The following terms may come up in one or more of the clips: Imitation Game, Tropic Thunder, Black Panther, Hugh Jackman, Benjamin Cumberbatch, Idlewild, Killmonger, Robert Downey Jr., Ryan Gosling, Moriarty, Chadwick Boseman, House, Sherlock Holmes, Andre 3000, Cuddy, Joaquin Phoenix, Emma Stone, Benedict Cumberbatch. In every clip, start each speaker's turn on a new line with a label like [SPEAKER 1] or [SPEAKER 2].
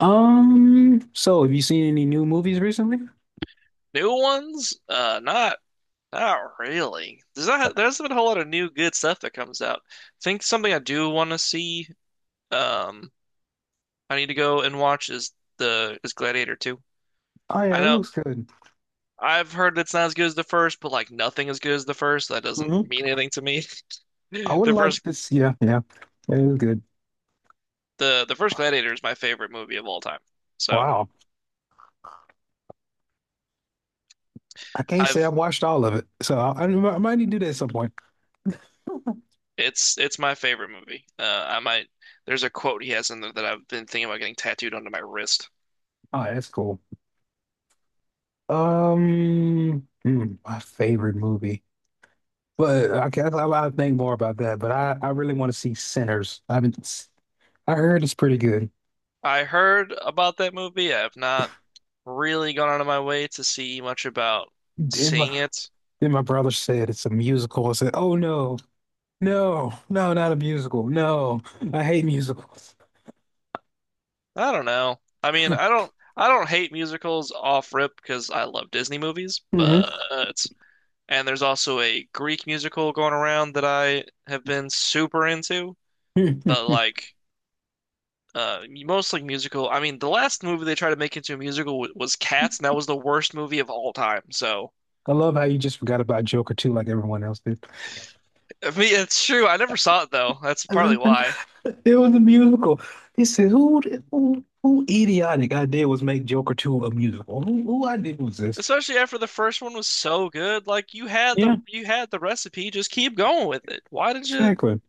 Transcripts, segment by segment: [SPEAKER 1] So have you seen any new movies recently?
[SPEAKER 2] New ones? Not really. There hasn't been a whole lot of new good stuff that comes out. I think something I do want to see, um, I need to go and watch is the is Gladiator 2.
[SPEAKER 1] Oh
[SPEAKER 2] I
[SPEAKER 1] yeah, it
[SPEAKER 2] know
[SPEAKER 1] looks good.
[SPEAKER 2] I've heard it's not as good as the first, but like nothing as good as the first. So that doesn't
[SPEAKER 1] Hmm.
[SPEAKER 2] mean anything to me.
[SPEAKER 1] I would
[SPEAKER 2] The first
[SPEAKER 1] like this. Yeah, yeah, it is good.
[SPEAKER 2] the first Gladiator is my favorite movie of all time. So
[SPEAKER 1] Wow, I can't say
[SPEAKER 2] I've
[SPEAKER 1] I've watched all of it, so I might need to do that at some point.
[SPEAKER 2] it's my favorite movie. I might There's a quote he has in there that I've been thinking about getting tattooed onto my wrist.
[SPEAKER 1] Oh, that's cool. My favorite movie, but I guess I will think more about that. But I really want to see Sinners. I heard it's pretty good.
[SPEAKER 2] I heard about that movie. I have not really gone out of my way to see much about
[SPEAKER 1] Then my
[SPEAKER 2] seeing it.
[SPEAKER 1] then my brother said it's a musical. I said, oh no, no, no, not a musical. No, I hate musicals.
[SPEAKER 2] I don't know. I mean, I don't hate musicals off rip because I love Disney movies,
[SPEAKER 1] Mhm.
[SPEAKER 2] but and there's also a Greek musical going around that I have been super into. But like mostly musical. I mean, the last movie they tried to make into a musical w was Cats, and that was the worst movie of all time. So,
[SPEAKER 1] I love how you just forgot about Joker too, like everyone else did.
[SPEAKER 2] I mean, it's true. I never saw it though. That's partly why.
[SPEAKER 1] It was a musical. He said, "Who idiotic idea was make Joker 2 a musical? Who idea was this?"
[SPEAKER 2] Especially after the first one was so good, like
[SPEAKER 1] Yeah,
[SPEAKER 2] you had the recipe, just keep going with it. Why did you
[SPEAKER 1] exactly.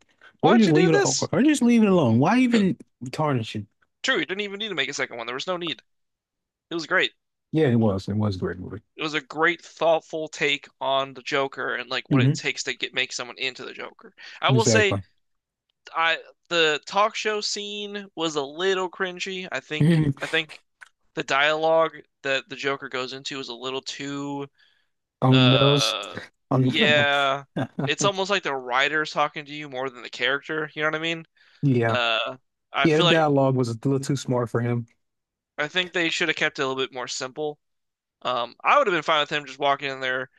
[SPEAKER 1] Or just
[SPEAKER 2] do
[SPEAKER 1] leave it, or
[SPEAKER 2] this?
[SPEAKER 1] just leave it alone. Why even tarnish it?
[SPEAKER 2] True, you didn't even need to make a second one. There was no need. It was great.
[SPEAKER 1] Yeah, it was. It was a great movie.
[SPEAKER 2] It was a great, thoughtful take on the Joker and like what it
[SPEAKER 1] Hmm.
[SPEAKER 2] takes to get make someone into the Joker. I will say,
[SPEAKER 1] Exactly.
[SPEAKER 2] I the talk show scene was a little cringy.
[SPEAKER 1] Mhm.
[SPEAKER 2] I think the dialogue that the Joker goes into is a little too.
[SPEAKER 1] On those,
[SPEAKER 2] Uh,
[SPEAKER 1] on
[SPEAKER 2] yeah, it's almost like the writer's talking to you more than the character. You know what I mean?
[SPEAKER 1] Yeah,
[SPEAKER 2] Uh, I
[SPEAKER 1] yeah. The
[SPEAKER 2] feel like
[SPEAKER 1] dialogue was a little too smart for him.
[SPEAKER 2] I think they should have kept it a little bit more simple. I would have been fine with him just walking in there,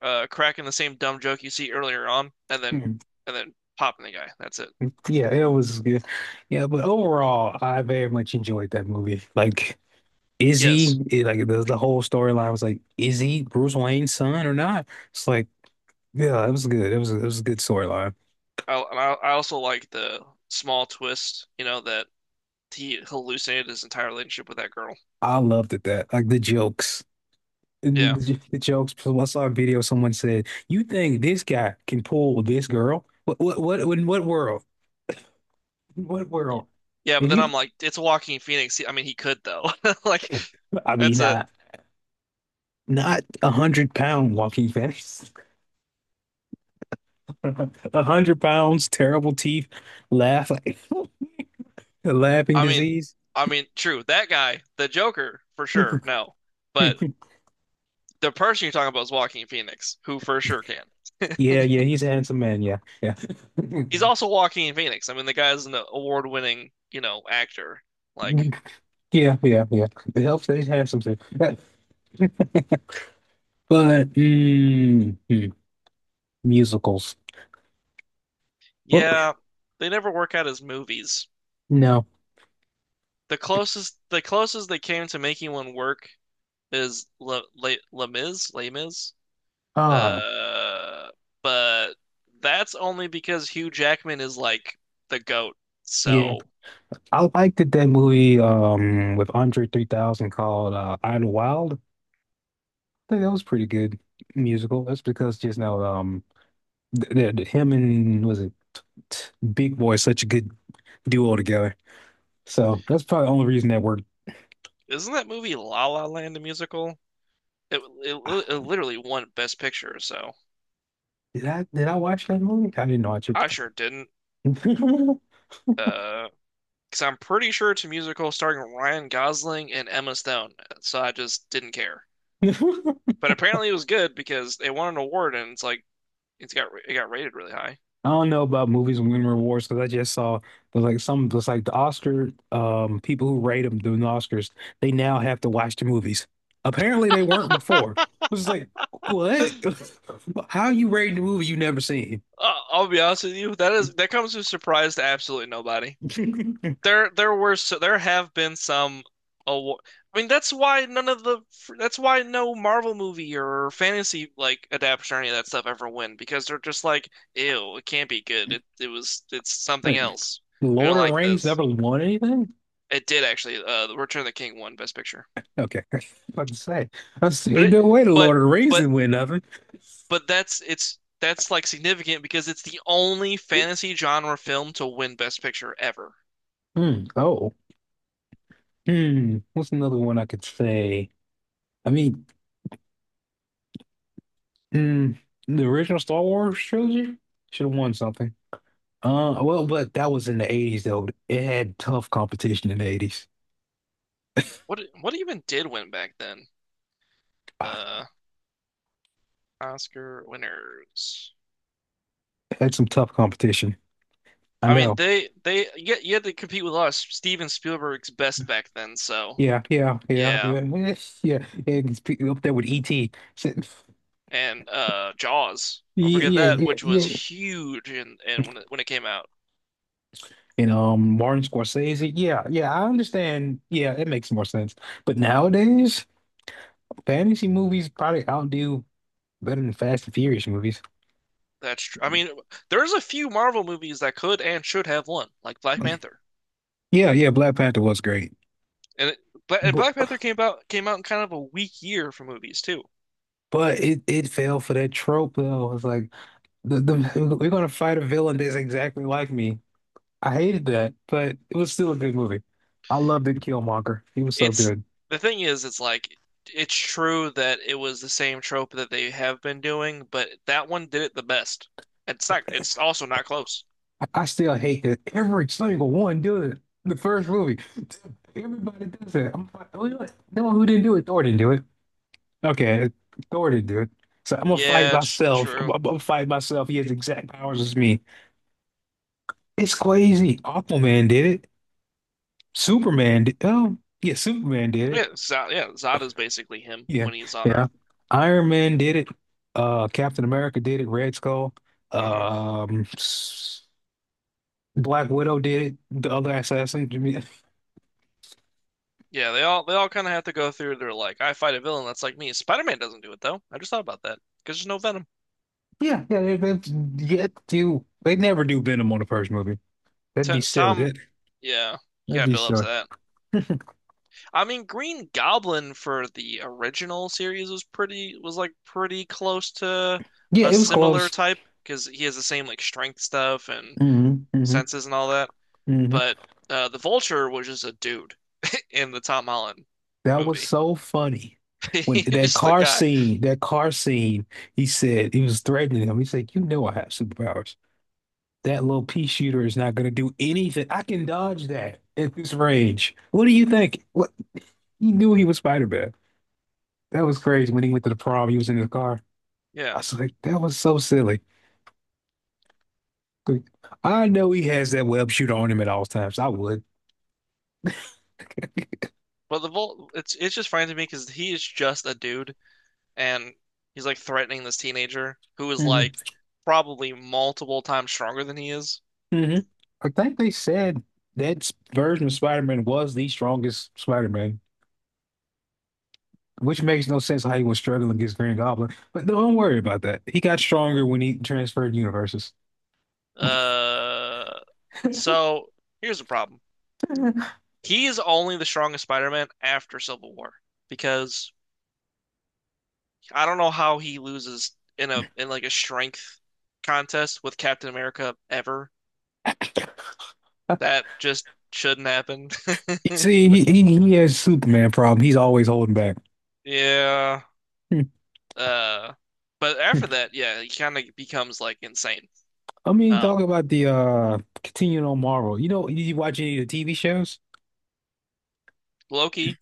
[SPEAKER 2] cracking the same dumb joke you see earlier on,
[SPEAKER 1] Hmm.
[SPEAKER 2] and then popping the guy. That's it.
[SPEAKER 1] Yeah, it was good. Yeah, but overall, I very much enjoyed that movie. Like,
[SPEAKER 2] Yes,
[SPEAKER 1] like the whole storyline was like, is he Bruce Wayne's son or not? It's like, yeah, it was good. It was a good storyline.
[SPEAKER 2] I also like the small twist. You know that he hallucinated his entire relationship with that girl.
[SPEAKER 1] I loved it that like the jokes. And
[SPEAKER 2] Yeah.
[SPEAKER 1] The jokes. So I saw a video. Someone said, "You think this guy can pull this girl? What in what world? In what world?"
[SPEAKER 2] Yeah, but
[SPEAKER 1] And
[SPEAKER 2] then
[SPEAKER 1] he,
[SPEAKER 2] I'm like, it's Joaquin Phoenix. I mean, he could though. Like,
[SPEAKER 1] I mean,
[SPEAKER 2] that's a
[SPEAKER 1] not 100-pound walking fence. 100 pounds, terrible teeth, laugh like a laughing
[SPEAKER 2] I mean,
[SPEAKER 1] disease.
[SPEAKER 2] I mean, true. That guy, the Joker, for sure. No, but the person you're talking about is Joaquin Phoenix, who for sure can.
[SPEAKER 1] Yeah, yeah, he's a handsome man. Yeah, yeah,
[SPEAKER 2] He's also Joaquin Phoenix. I mean, the guy's an award-winning, you know, actor. Like,
[SPEAKER 1] yeah, yeah, yeah. It helps that he's handsome too. But musicals. Well,
[SPEAKER 2] yeah, they never work out his movies.
[SPEAKER 1] no.
[SPEAKER 2] The closest they came to making one work is Les Mis, Les Mis.
[SPEAKER 1] Ah,
[SPEAKER 2] Uh, but that's only because Hugh Jackman is like the goat.
[SPEAKER 1] yeah.
[SPEAKER 2] So.
[SPEAKER 1] I liked that movie with Andre 3000 called Idlewild. I think that was pretty good musical. That's because just now him and was it Big Boy is such a good duo together. So that's probably the only reason that worked.
[SPEAKER 2] Isn't that movie La La Land a musical? It
[SPEAKER 1] Ah,
[SPEAKER 2] it literally won Best Picture, so
[SPEAKER 1] did I watch that movie? I didn't watch it.
[SPEAKER 2] I sure didn't. Uh, because I'm pretty sure it's a musical starring Ryan Gosling and Emma Stone, so I just didn't care. But apparently it was good because it won an award, and it's like it got rated really high.
[SPEAKER 1] I don't know about movies winning awards because I just saw it was like the Oscar people who rate them doing the Oscars they now have to watch the movies. Apparently they weren't before. It was like what? How you rating the movie you never seen?
[SPEAKER 2] I'll be honest with you, that comes as a surprise to absolutely nobody. There were there have been some awa- I mean, that's why none of the that's why no Marvel movie or fantasy like adaptation or any of that stuff ever win because they're just like, ew, it can't be good. It's something
[SPEAKER 1] But
[SPEAKER 2] else. We
[SPEAKER 1] Lord
[SPEAKER 2] don't
[SPEAKER 1] of the
[SPEAKER 2] like
[SPEAKER 1] Rings
[SPEAKER 2] this.
[SPEAKER 1] never won anything?
[SPEAKER 2] It did actually. The Return of the King won Best Picture,
[SPEAKER 1] Okay. I was about to say. I
[SPEAKER 2] but
[SPEAKER 1] say
[SPEAKER 2] it
[SPEAKER 1] no way the
[SPEAKER 2] but
[SPEAKER 1] Lord of the Rings
[SPEAKER 2] but
[SPEAKER 1] didn't win nothing.
[SPEAKER 2] but that's it's that's like significant because it's the only fantasy genre film to win Best Picture ever.
[SPEAKER 1] Hmm. Oh. Hmm. What's another one I could say? I mean, hmm, the original Star Wars trilogy should have won something. Well, but that was in the 80s though. It had tough competition in the 80s.
[SPEAKER 2] What even did win back then?
[SPEAKER 1] Ah,
[SPEAKER 2] Uh. Oscar winners.
[SPEAKER 1] it had some tough competition. I
[SPEAKER 2] I mean,
[SPEAKER 1] know.
[SPEAKER 2] they you had to compete with Steven Spielberg's best back then. So
[SPEAKER 1] Yeah, yeah, yeah, yeah,
[SPEAKER 2] yeah,
[SPEAKER 1] yeah. Yeah. It's up there with E.T.
[SPEAKER 2] and Jaws. Don't
[SPEAKER 1] Yeah,
[SPEAKER 2] forget
[SPEAKER 1] yeah,
[SPEAKER 2] that,
[SPEAKER 1] yeah,
[SPEAKER 2] which was
[SPEAKER 1] yeah,
[SPEAKER 2] huge and when when it came out.
[SPEAKER 1] you know, Martin Scorsese. Yeah, yeah, I understand. Yeah, it makes more sense. But nowadays, fantasy movies probably outdo better than Fast and Furious movies.
[SPEAKER 2] I mean, there's a few Marvel movies that could and should have won, like Black Panther.
[SPEAKER 1] Yeah, yeah, Black Panther was great.
[SPEAKER 2] And, it, and
[SPEAKER 1] But
[SPEAKER 2] Black Panther came out in kind of a weak year for movies too.
[SPEAKER 1] but it fell for that trope though. It's like the we're gonna fight a villain that's exactly like me. I hated that, but it was still a good movie. I loved it, Killmonger. He was so
[SPEAKER 2] It's
[SPEAKER 1] good.
[SPEAKER 2] The thing is, it's like it's true that it was the same trope that they have been doing, but that one did it the best. It's not. It's also not close.
[SPEAKER 1] I still hate that every single one does it. The first movie, everybody does it. I'm like, "Oh, you know what? No, who didn't do it? Thor didn't do it. Okay, Thor didn't do it. So I'm gonna fight
[SPEAKER 2] Yeah, it's
[SPEAKER 1] myself. I'm,
[SPEAKER 2] true.
[SPEAKER 1] I'm gonna fight myself. He has the exact powers as me. It's crazy. Aquaman did it. Superman did. Oh, yeah, Superman did
[SPEAKER 2] Yeah,
[SPEAKER 1] it.
[SPEAKER 2] Zod, yeah, Zada's basically him
[SPEAKER 1] Yeah,
[SPEAKER 2] when he's on
[SPEAKER 1] yeah.
[SPEAKER 2] Earth.
[SPEAKER 1] Iron Man did it. Captain America did it. Red Skull.
[SPEAKER 2] hmm
[SPEAKER 1] Um, s- Black Widow did it. The other assassin.
[SPEAKER 2] Yeah, they all kind of have to go through. They're like, I fight a villain that's like me. Spider-Man doesn't do it though. I just thought about that because there's no Venom.
[SPEAKER 1] Yeah, yeah, they get you. They never do Venom on the first movie. That'd
[SPEAKER 2] T
[SPEAKER 1] be silly.
[SPEAKER 2] Tom,
[SPEAKER 1] That,
[SPEAKER 2] yeah, you
[SPEAKER 1] that'd
[SPEAKER 2] gotta
[SPEAKER 1] be
[SPEAKER 2] build up
[SPEAKER 1] silly.
[SPEAKER 2] to that. I mean, Green Goblin for the original series was pretty was like pretty close to
[SPEAKER 1] Yeah,
[SPEAKER 2] a
[SPEAKER 1] it was
[SPEAKER 2] similar
[SPEAKER 1] close.
[SPEAKER 2] type because he has the same like strength stuff and
[SPEAKER 1] Hmm. Hmm.
[SPEAKER 2] senses and all that.
[SPEAKER 1] Hmm.
[SPEAKER 2] But the Vulture was just a dude in the Tom Holland
[SPEAKER 1] That was
[SPEAKER 2] movie.
[SPEAKER 1] so funny. When
[SPEAKER 2] He's
[SPEAKER 1] that
[SPEAKER 2] just a
[SPEAKER 1] car
[SPEAKER 2] guy.
[SPEAKER 1] scene, that car scene, he said he was threatening him. He said, "You know I have superpowers. That little pea shooter is not going to do anything. I can dodge that at this range. What do you think?" What he knew he was Spider-Man. That was crazy. When he went to the prom, he was in his car.
[SPEAKER 2] Yeah.
[SPEAKER 1] I was like, that was so silly. I know he has that web shooter on him at all times. I would.
[SPEAKER 2] But the Vol it's just fine to me because he is just a dude and he's like threatening this teenager who is
[SPEAKER 1] Hmm.
[SPEAKER 2] like probably multiple times stronger than he is.
[SPEAKER 1] Hmm. I think they said that version of Spider-Man was the strongest Spider-Man, which makes no sense how he was struggling against Green Goblin. But don't worry about that. He got stronger when he transferred universes.
[SPEAKER 2] Uh, so here's the problem. He is only the strongest Spider-Man after Civil War because I don't know how he loses in like a strength contest with Captain America ever. That just shouldn't happen.
[SPEAKER 1] You see, he has Superman problem. He's always holding back.
[SPEAKER 2] Yeah.
[SPEAKER 1] Hmm.
[SPEAKER 2] Uh, but after that, yeah, he kind of becomes like insane.
[SPEAKER 1] I mean,
[SPEAKER 2] Um,
[SPEAKER 1] talking about the continuing on Marvel. You know, you watch any of the TV shows?
[SPEAKER 2] Loki,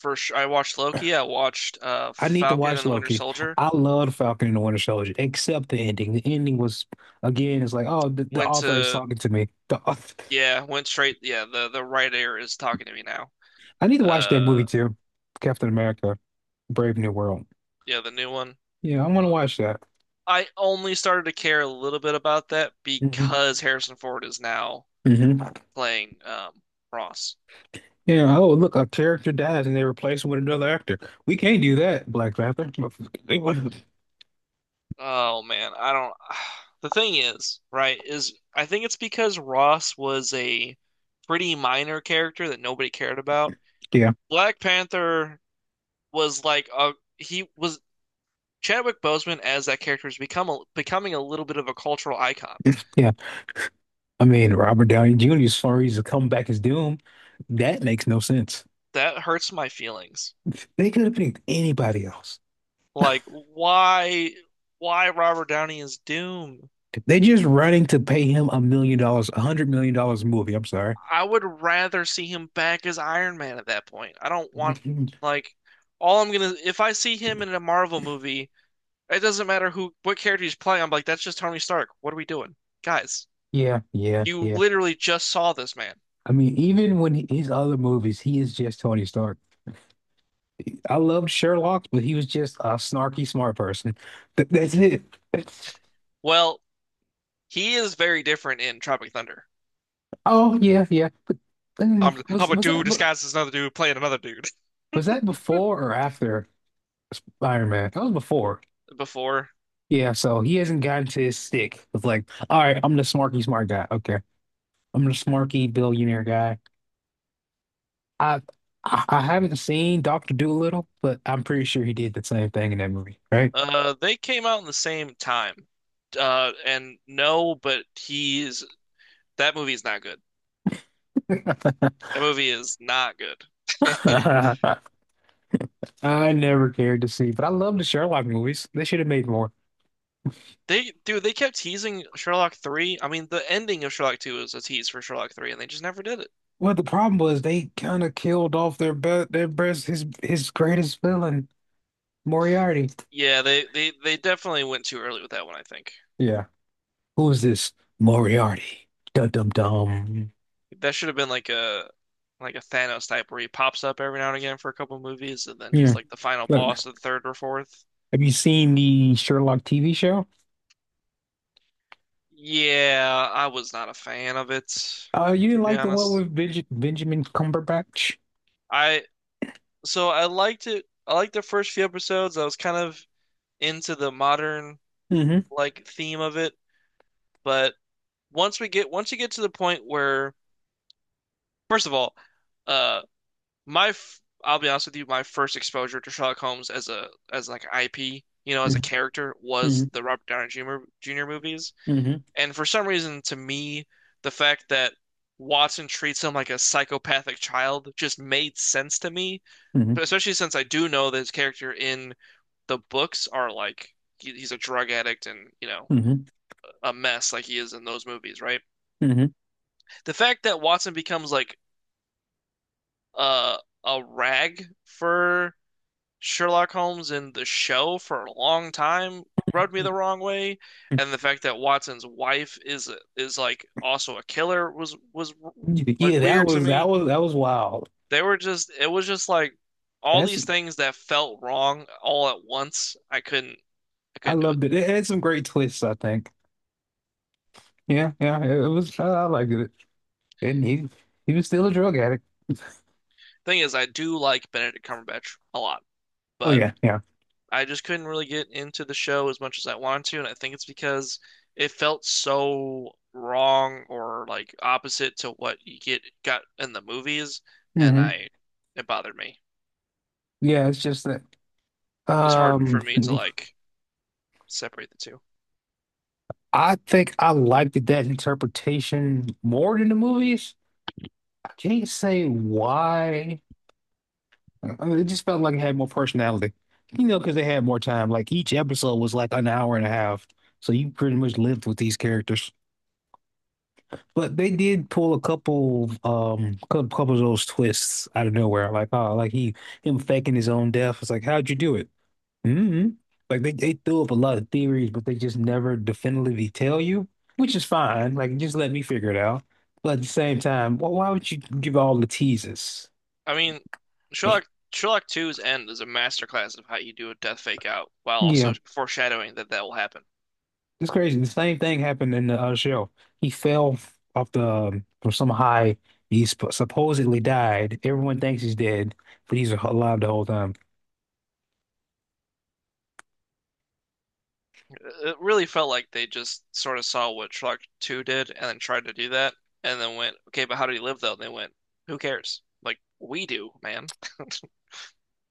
[SPEAKER 2] first I watched Loki. I watched
[SPEAKER 1] I need to
[SPEAKER 2] Falcon
[SPEAKER 1] watch
[SPEAKER 2] and the Winter
[SPEAKER 1] Loki.
[SPEAKER 2] Soldier.
[SPEAKER 1] I love Falcon and the Winter Soldier, except the ending. The ending was, again, it's like, oh, the
[SPEAKER 2] Went
[SPEAKER 1] author is
[SPEAKER 2] to
[SPEAKER 1] talking to me. The author.
[SPEAKER 2] Yeah, went straight. Yeah, the right ear is talking to me now.
[SPEAKER 1] I need to watch that movie
[SPEAKER 2] Uh,
[SPEAKER 1] too. Captain America, Brave New World.
[SPEAKER 2] yeah, the new one.
[SPEAKER 1] Yeah, I want to watch that.
[SPEAKER 2] I only started to care a little bit about that
[SPEAKER 1] Hmm.
[SPEAKER 2] because Harrison Ford is now
[SPEAKER 1] Hmm.
[SPEAKER 2] playing Ross.
[SPEAKER 1] Yeah. Oh, look, a character dies and they replace him with another actor. We can't do that, Black Panther.
[SPEAKER 2] Oh man, I don't. The thing is, right, is I think it's because Ross was a pretty minor character that nobody cared about.
[SPEAKER 1] Yeah,
[SPEAKER 2] Black Panther was like a he was Chadwick Boseman as that character has become becoming a little bit of a cultural icon.
[SPEAKER 1] yeah. I mean, Robert Downey Jr. as far as to come back as Doom, that makes no sense.
[SPEAKER 2] That hurts my feelings.
[SPEAKER 1] They could have picked anybody else.
[SPEAKER 2] Like why Robert Downey is Doom?
[SPEAKER 1] They just running to pay him $1 million, $100 million a movie. I'm sorry.
[SPEAKER 2] I would rather see him back as Iron Man at that point. I don't want like all I'm gonna. If I see him in a Marvel movie, it doesn't matter who what character he's playing. I'm like, that's just Tony Stark. What are we doing, guys?
[SPEAKER 1] Yeah, yeah,
[SPEAKER 2] You
[SPEAKER 1] yeah.
[SPEAKER 2] literally just saw this man.
[SPEAKER 1] I mean, even when his other movies, he is just Tony Stark. I loved Sherlock, but he was just a snarky smart person. That's it. That's-
[SPEAKER 2] Well, he is very different in Tropic Thunder.
[SPEAKER 1] Oh yeah, yeah. But uh,
[SPEAKER 2] I'm
[SPEAKER 1] was
[SPEAKER 2] a
[SPEAKER 1] was
[SPEAKER 2] dude
[SPEAKER 1] that be-
[SPEAKER 2] disguised as another dude playing another dude.
[SPEAKER 1] was that before or after Iron Man? That was before.
[SPEAKER 2] Before,
[SPEAKER 1] Yeah, so he hasn't gotten to his stick. It's like, all right, I'm the smarky smart guy. Okay, I'm the smarky billionaire guy. I I haven't seen Doctor Dolittle, but I'm pretty sure he did the same thing in that movie, right?
[SPEAKER 2] they came out in the same time. And No, but he's that movie is not good. That movie is not good.
[SPEAKER 1] I never cared to see, but I love the Sherlock movies. They should have made more.
[SPEAKER 2] They, dude, they kept teasing Sherlock 3. I mean, the ending of Sherlock 2 was a tease for Sherlock 3, and they just never did it.
[SPEAKER 1] Well, the problem was they kind of killed off their best his greatest villain, Moriarty.
[SPEAKER 2] Yeah, they definitely went too early with that one, I think.
[SPEAKER 1] Yeah. Who is this Moriarty? Dum dum dum.
[SPEAKER 2] That should have been like a a Thanos type where he pops up every now and again for a couple movies, and then he's
[SPEAKER 1] Yeah.
[SPEAKER 2] like the final
[SPEAKER 1] Look,
[SPEAKER 2] boss of the third or fourth.
[SPEAKER 1] have you seen the Sherlock TV show?
[SPEAKER 2] Yeah, I was not a fan of it,
[SPEAKER 1] You
[SPEAKER 2] to
[SPEAKER 1] didn't
[SPEAKER 2] be
[SPEAKER 1] like the one
[SPEAKER 2] honest.
[SPEAKER 1] with Benjamin Cumberbatch?
[SPEAKER 2] I so I liked it. I liked the first few episodes. I was kind of into the modern
[SPEAKER 1] Mm-hmm.
[SPEAKER 2] like theme of it, but once you get to the point where, first of all, uh, my f I'll be honest with you, my first exposure to Sherlock Holmes as a as like IP, you know, as a character
[SPEAKER 1] Mm-hmm.
[SPEAKER 2] was the Robert Downey Jr. Movies,
[SPEAKER 1] Mm-hmm.
[SPEAKER 2] and for some reason, to me, the fact that Watson treats him like a psychopathic child just made sense to me,
[SPEAKER 1] Hmm.
[SPEAKER 2] but especially since I do know that his character in the books are like he's a drug addict and you know
[SPEAKER 1] Hmm.
[SPEAKER 2] a mess like he is in those movies, right?
[SPEAKER 1] Mhm.
[SPEAKER 2] The fact that Watson becomes like uh a rag for Sherlock Holmes in the show for a long time rubbed me the wrong way, and the fact that Watson's wife is like also a killer was like
[SPEAKER 1] Yeah, that
[SPEAKER 2] weird to
[SPEAKER 1] was that
[SPEAKER 2] me.
[SPEAKER 1] was that was wild.
[SPEAKER 2] They were just it was just like all
[SPEAKER 1] That's
[SPEAKER 2] these things that felt wrong all at once. I
[SPEAKER 1] I
[SPEAKER 2] couldn't do it.
[SPEAKER 1] loved it. It had some great twists, I think. Yeah, yeah, it was. I liked it. And he was still a drug addict.
[SPEAKER 2] Thing is, I do like Benedict Cumberbatch a lot,
[SPEAKER 1] Oh
[SPEAKER 2] but
[SPEAKER 1] yeah, yeah.
[SPEAKER 2] I just couldn't really get into the show as much as I wanted to, and I think it's because it felt so wrong or like opposite to what you get got in the movies, and
[SPEAKER 1] Hmm.
[SPEAKER 2] I it bothered me.
[SPEAKER 1] Yeah, it's just that.
[SPEAKER 2] It was hard
[SPEAKER 1] Um,
[SPEAKER 2] for me to like separate the two.
[SPEAKER 1] I think I liked that interpretation more than the movies. I can't say why. I mean, it just felt like it had more personality. You know, because they had more time. Like each episode was like an hour and a half, so you pretty much lived with these characters. But they did pull a couple, couple of those twists out of nowhere. Like, oh, like he him faking his own death. It's like, how'd you do it? Mm-hmm. Like they threw up a lot of theories, but they just never definitively tell you, which is fine. Like, just let me figure it out. But at the same time, wh why would you give all the teases?
[SPEAKER 2] I mean, Sherlock Sherlock Two's end is a masterclass of how you do a death fake out while
[SPEAKER 1] Yeah,
[SPEAKER 2] also foreshadowing that that will happen.
[SPEAKER 1] it's crazy. The same thing happened in the show. He fell off the from some high. He sp supposedly died. Everyone thinks he's dead, but he's alive the whole time.
[SPEAKER 2] It really felt like they just sort of saw what Shrek 2 did and then tried to do that and then went, okay, but how do you live though? And they went, who cares? Like, we do, man.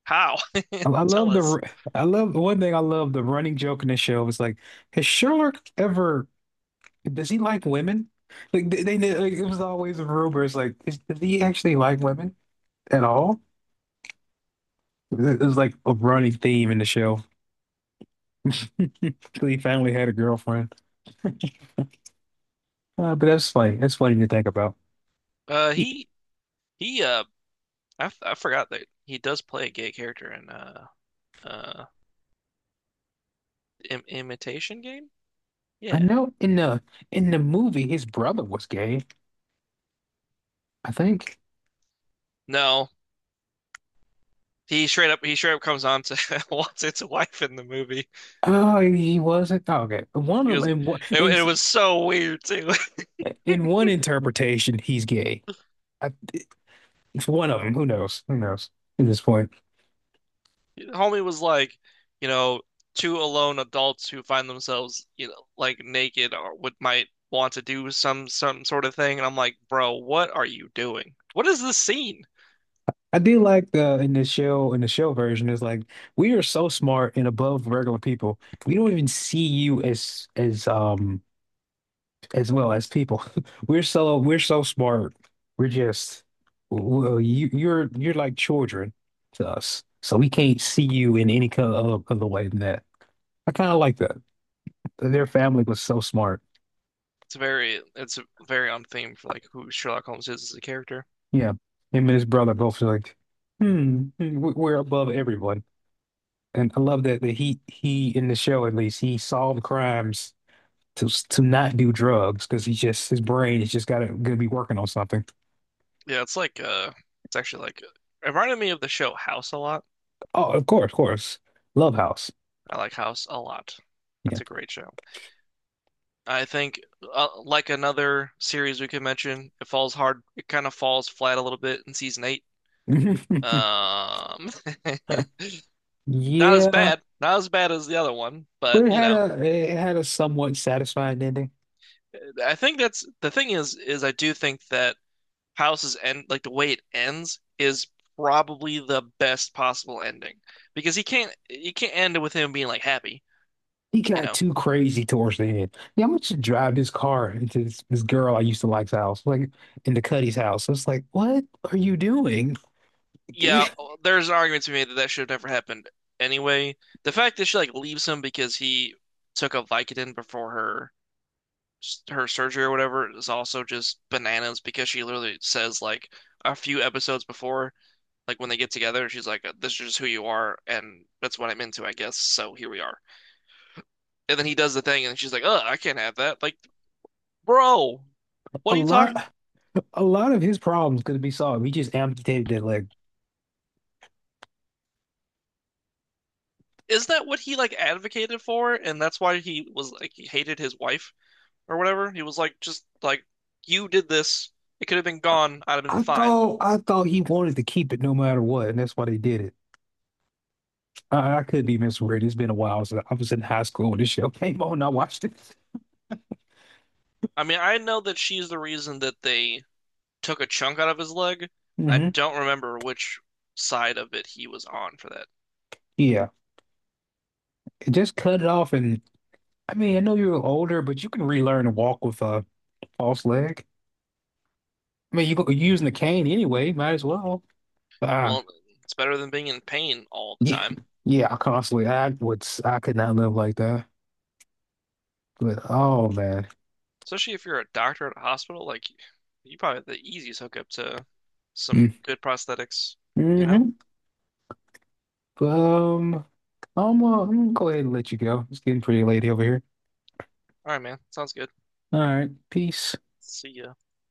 [SPEAKER 2] How?
[SPEAKER 1] I I
[SPEAKER 2] Tell
[SPEAKER 1] love the
[SPEAKER 2] us.
[SPEAKER 1] r- I love the running joke in the show is like, has Sherlock ever, does he like women? Like they like, it was always a rumor. It's like does he actually like women at all? It was like a running theme in the show. So he finally had a girlfriend. But that's funny. That's funny to think about.
[SPEAKER 2] Uh,
[SPEAKER 1] He-
[SPEAKER 2] he, he, I forgot that he does play a gay character in, uh, Im Imitation Game?
[SPEAKER 1] I
[SPEAKER 2] Yeah.
[SPEAKER 1] know in the movie his brother was gay, I think.
[SPEAKER 2] No. He straight up comes on to wants its wife in the movie.
[SPEAKER 1] Oh, he wasn't. Oh, okay. One
[SPEAKER 2] He
[SPEAKER 1] of
[SPEAKER 2] was, it, it was so weird too.
[SPEAKER 1] in one interpretation he's gay. I, it's one of them. Who knows? Who knows at this point?
[SPEAKER 2] Homie was like, you know, two alone adults who find themselves, you know, like naked or would might want to do some sort of thing. And I'm like, bro, what are you doing? What is this scene?
[SPEAKER 1] I do like the in the shell version is like we are so smart and above regular people. We don't even see you as as well as people. We're so smart. We're just Well, you're like children to us. So we can't see you in any kind of other way than that. I kind of like that. Their family was so smart.
[SPEAKER 2] It's very on theme for like who Sherlock Holmes is as a character.
[SPEAKER 1] Yeah, him and his brother both like, we're above everyone. And I love that he in the show at least he solved crimes to not do drugs because he's just his brain is just gotta gonna be working on something.
[SPEAKER 2] Yeah, it's like it's actually like it reminded me of the show House a lot.
[SPEAKER 1] Oh, of course, of course. Love House.
[SPEAKER 2] I like House a lot.
[SPEAKER 1] Yeah.
[SPEAKER 2] That's a great show. I think like another series we could mention, it falls hard, it kind of falls flat a little bit in season eight. Um, Not as
[SPEAKER 1] Yeah.
[SPEAKER 2] bad, as the other one, but
[SPEAKER 1] But it
[SPEAKER 2] you
[SPEAKER 1] had
[SPEAKER 2] know,
[SPEAKER 1] a it had a somewhat satisfying ending.
[SPEAKER 2] I think that's the thing is I do think that House's end, like the way it ends, is probably the best possible ending because he can't you can't end it with him being like happy,
[SPEAKER 1] He
[SPEAKER 2] you
[SPEAKER 1] got
[SPEAKER 2] know.
[SPEAKER 1] too crazy towards the end. Yeah, I'm gonna just drive this car into this girl I used to like's house, like into Cuddy's house. It's like, what are you doing?
[SPEAKER 2] Yeah, there's an argument to be made that that should have never happened anyway. The fact that she like leaves him because he took a Vicodin before her surgery or whatever is also just bananas because she literally says like a few episodes before, like when they get together, she's like, "This is just who you are, and that's what I'm into, I guess." So here we are. And then he does the thing, and she's like, "Oh, I can't have that." Like, bro, what
[SPEAKER 1] A
[SPEAKER 2] are you talking?
[SPEAKER 1] lot. A lot of his problems could be solved. He just amputated that leg.
[SPEAKER 2] Is that what he like advocated for? And that's why he was like he hated his wife or whatever. He was like, just like you did this. It could have been gone. I'd have been
[SPEAKER 1] I
[SPEAKER 2] fine.
[SPEAKER 1] thought I thought he wanted to keep it no matter what, and that's why they did it. I could be misread. It's been a while since I was in high school when this show came on. And I watched it.
[SPEAKER 2] I mean, I know that she's the reason that they took a chunk out of his leg. I
[SPEAKER 1] Hmm.
[SPEAKER 2] don't remember which side of it he was on for that.
[SPEAKER 1] Yeah, just cut it off, and I mean, I know you're older, but you can relearn to walk with a false leg. I mean, you're using the cane anyway. Might as well. Uh,
[SPEAKER 2] Well, it's better than being in pain all the
[SPEAKER 1] yeah,
[SPEAKER 2] time,
[SPEAKER 1] yeah. I constantly, I would, I could not live like that. But oh man.
[SPEAKER 2] especially if you're a doctor at a hospital. Like, you probably have the easiest hookup to some good prosthetics, you know?
[SPEAKER 1] Mm-hmm. Um, I'm gonna go ahead and let you go. It's getting pretty late over here.
[SPEAKER 2] All right, man. Sounds good.
[SPEAKER 1] All right, peace.
[SPEAKER 2] See ya.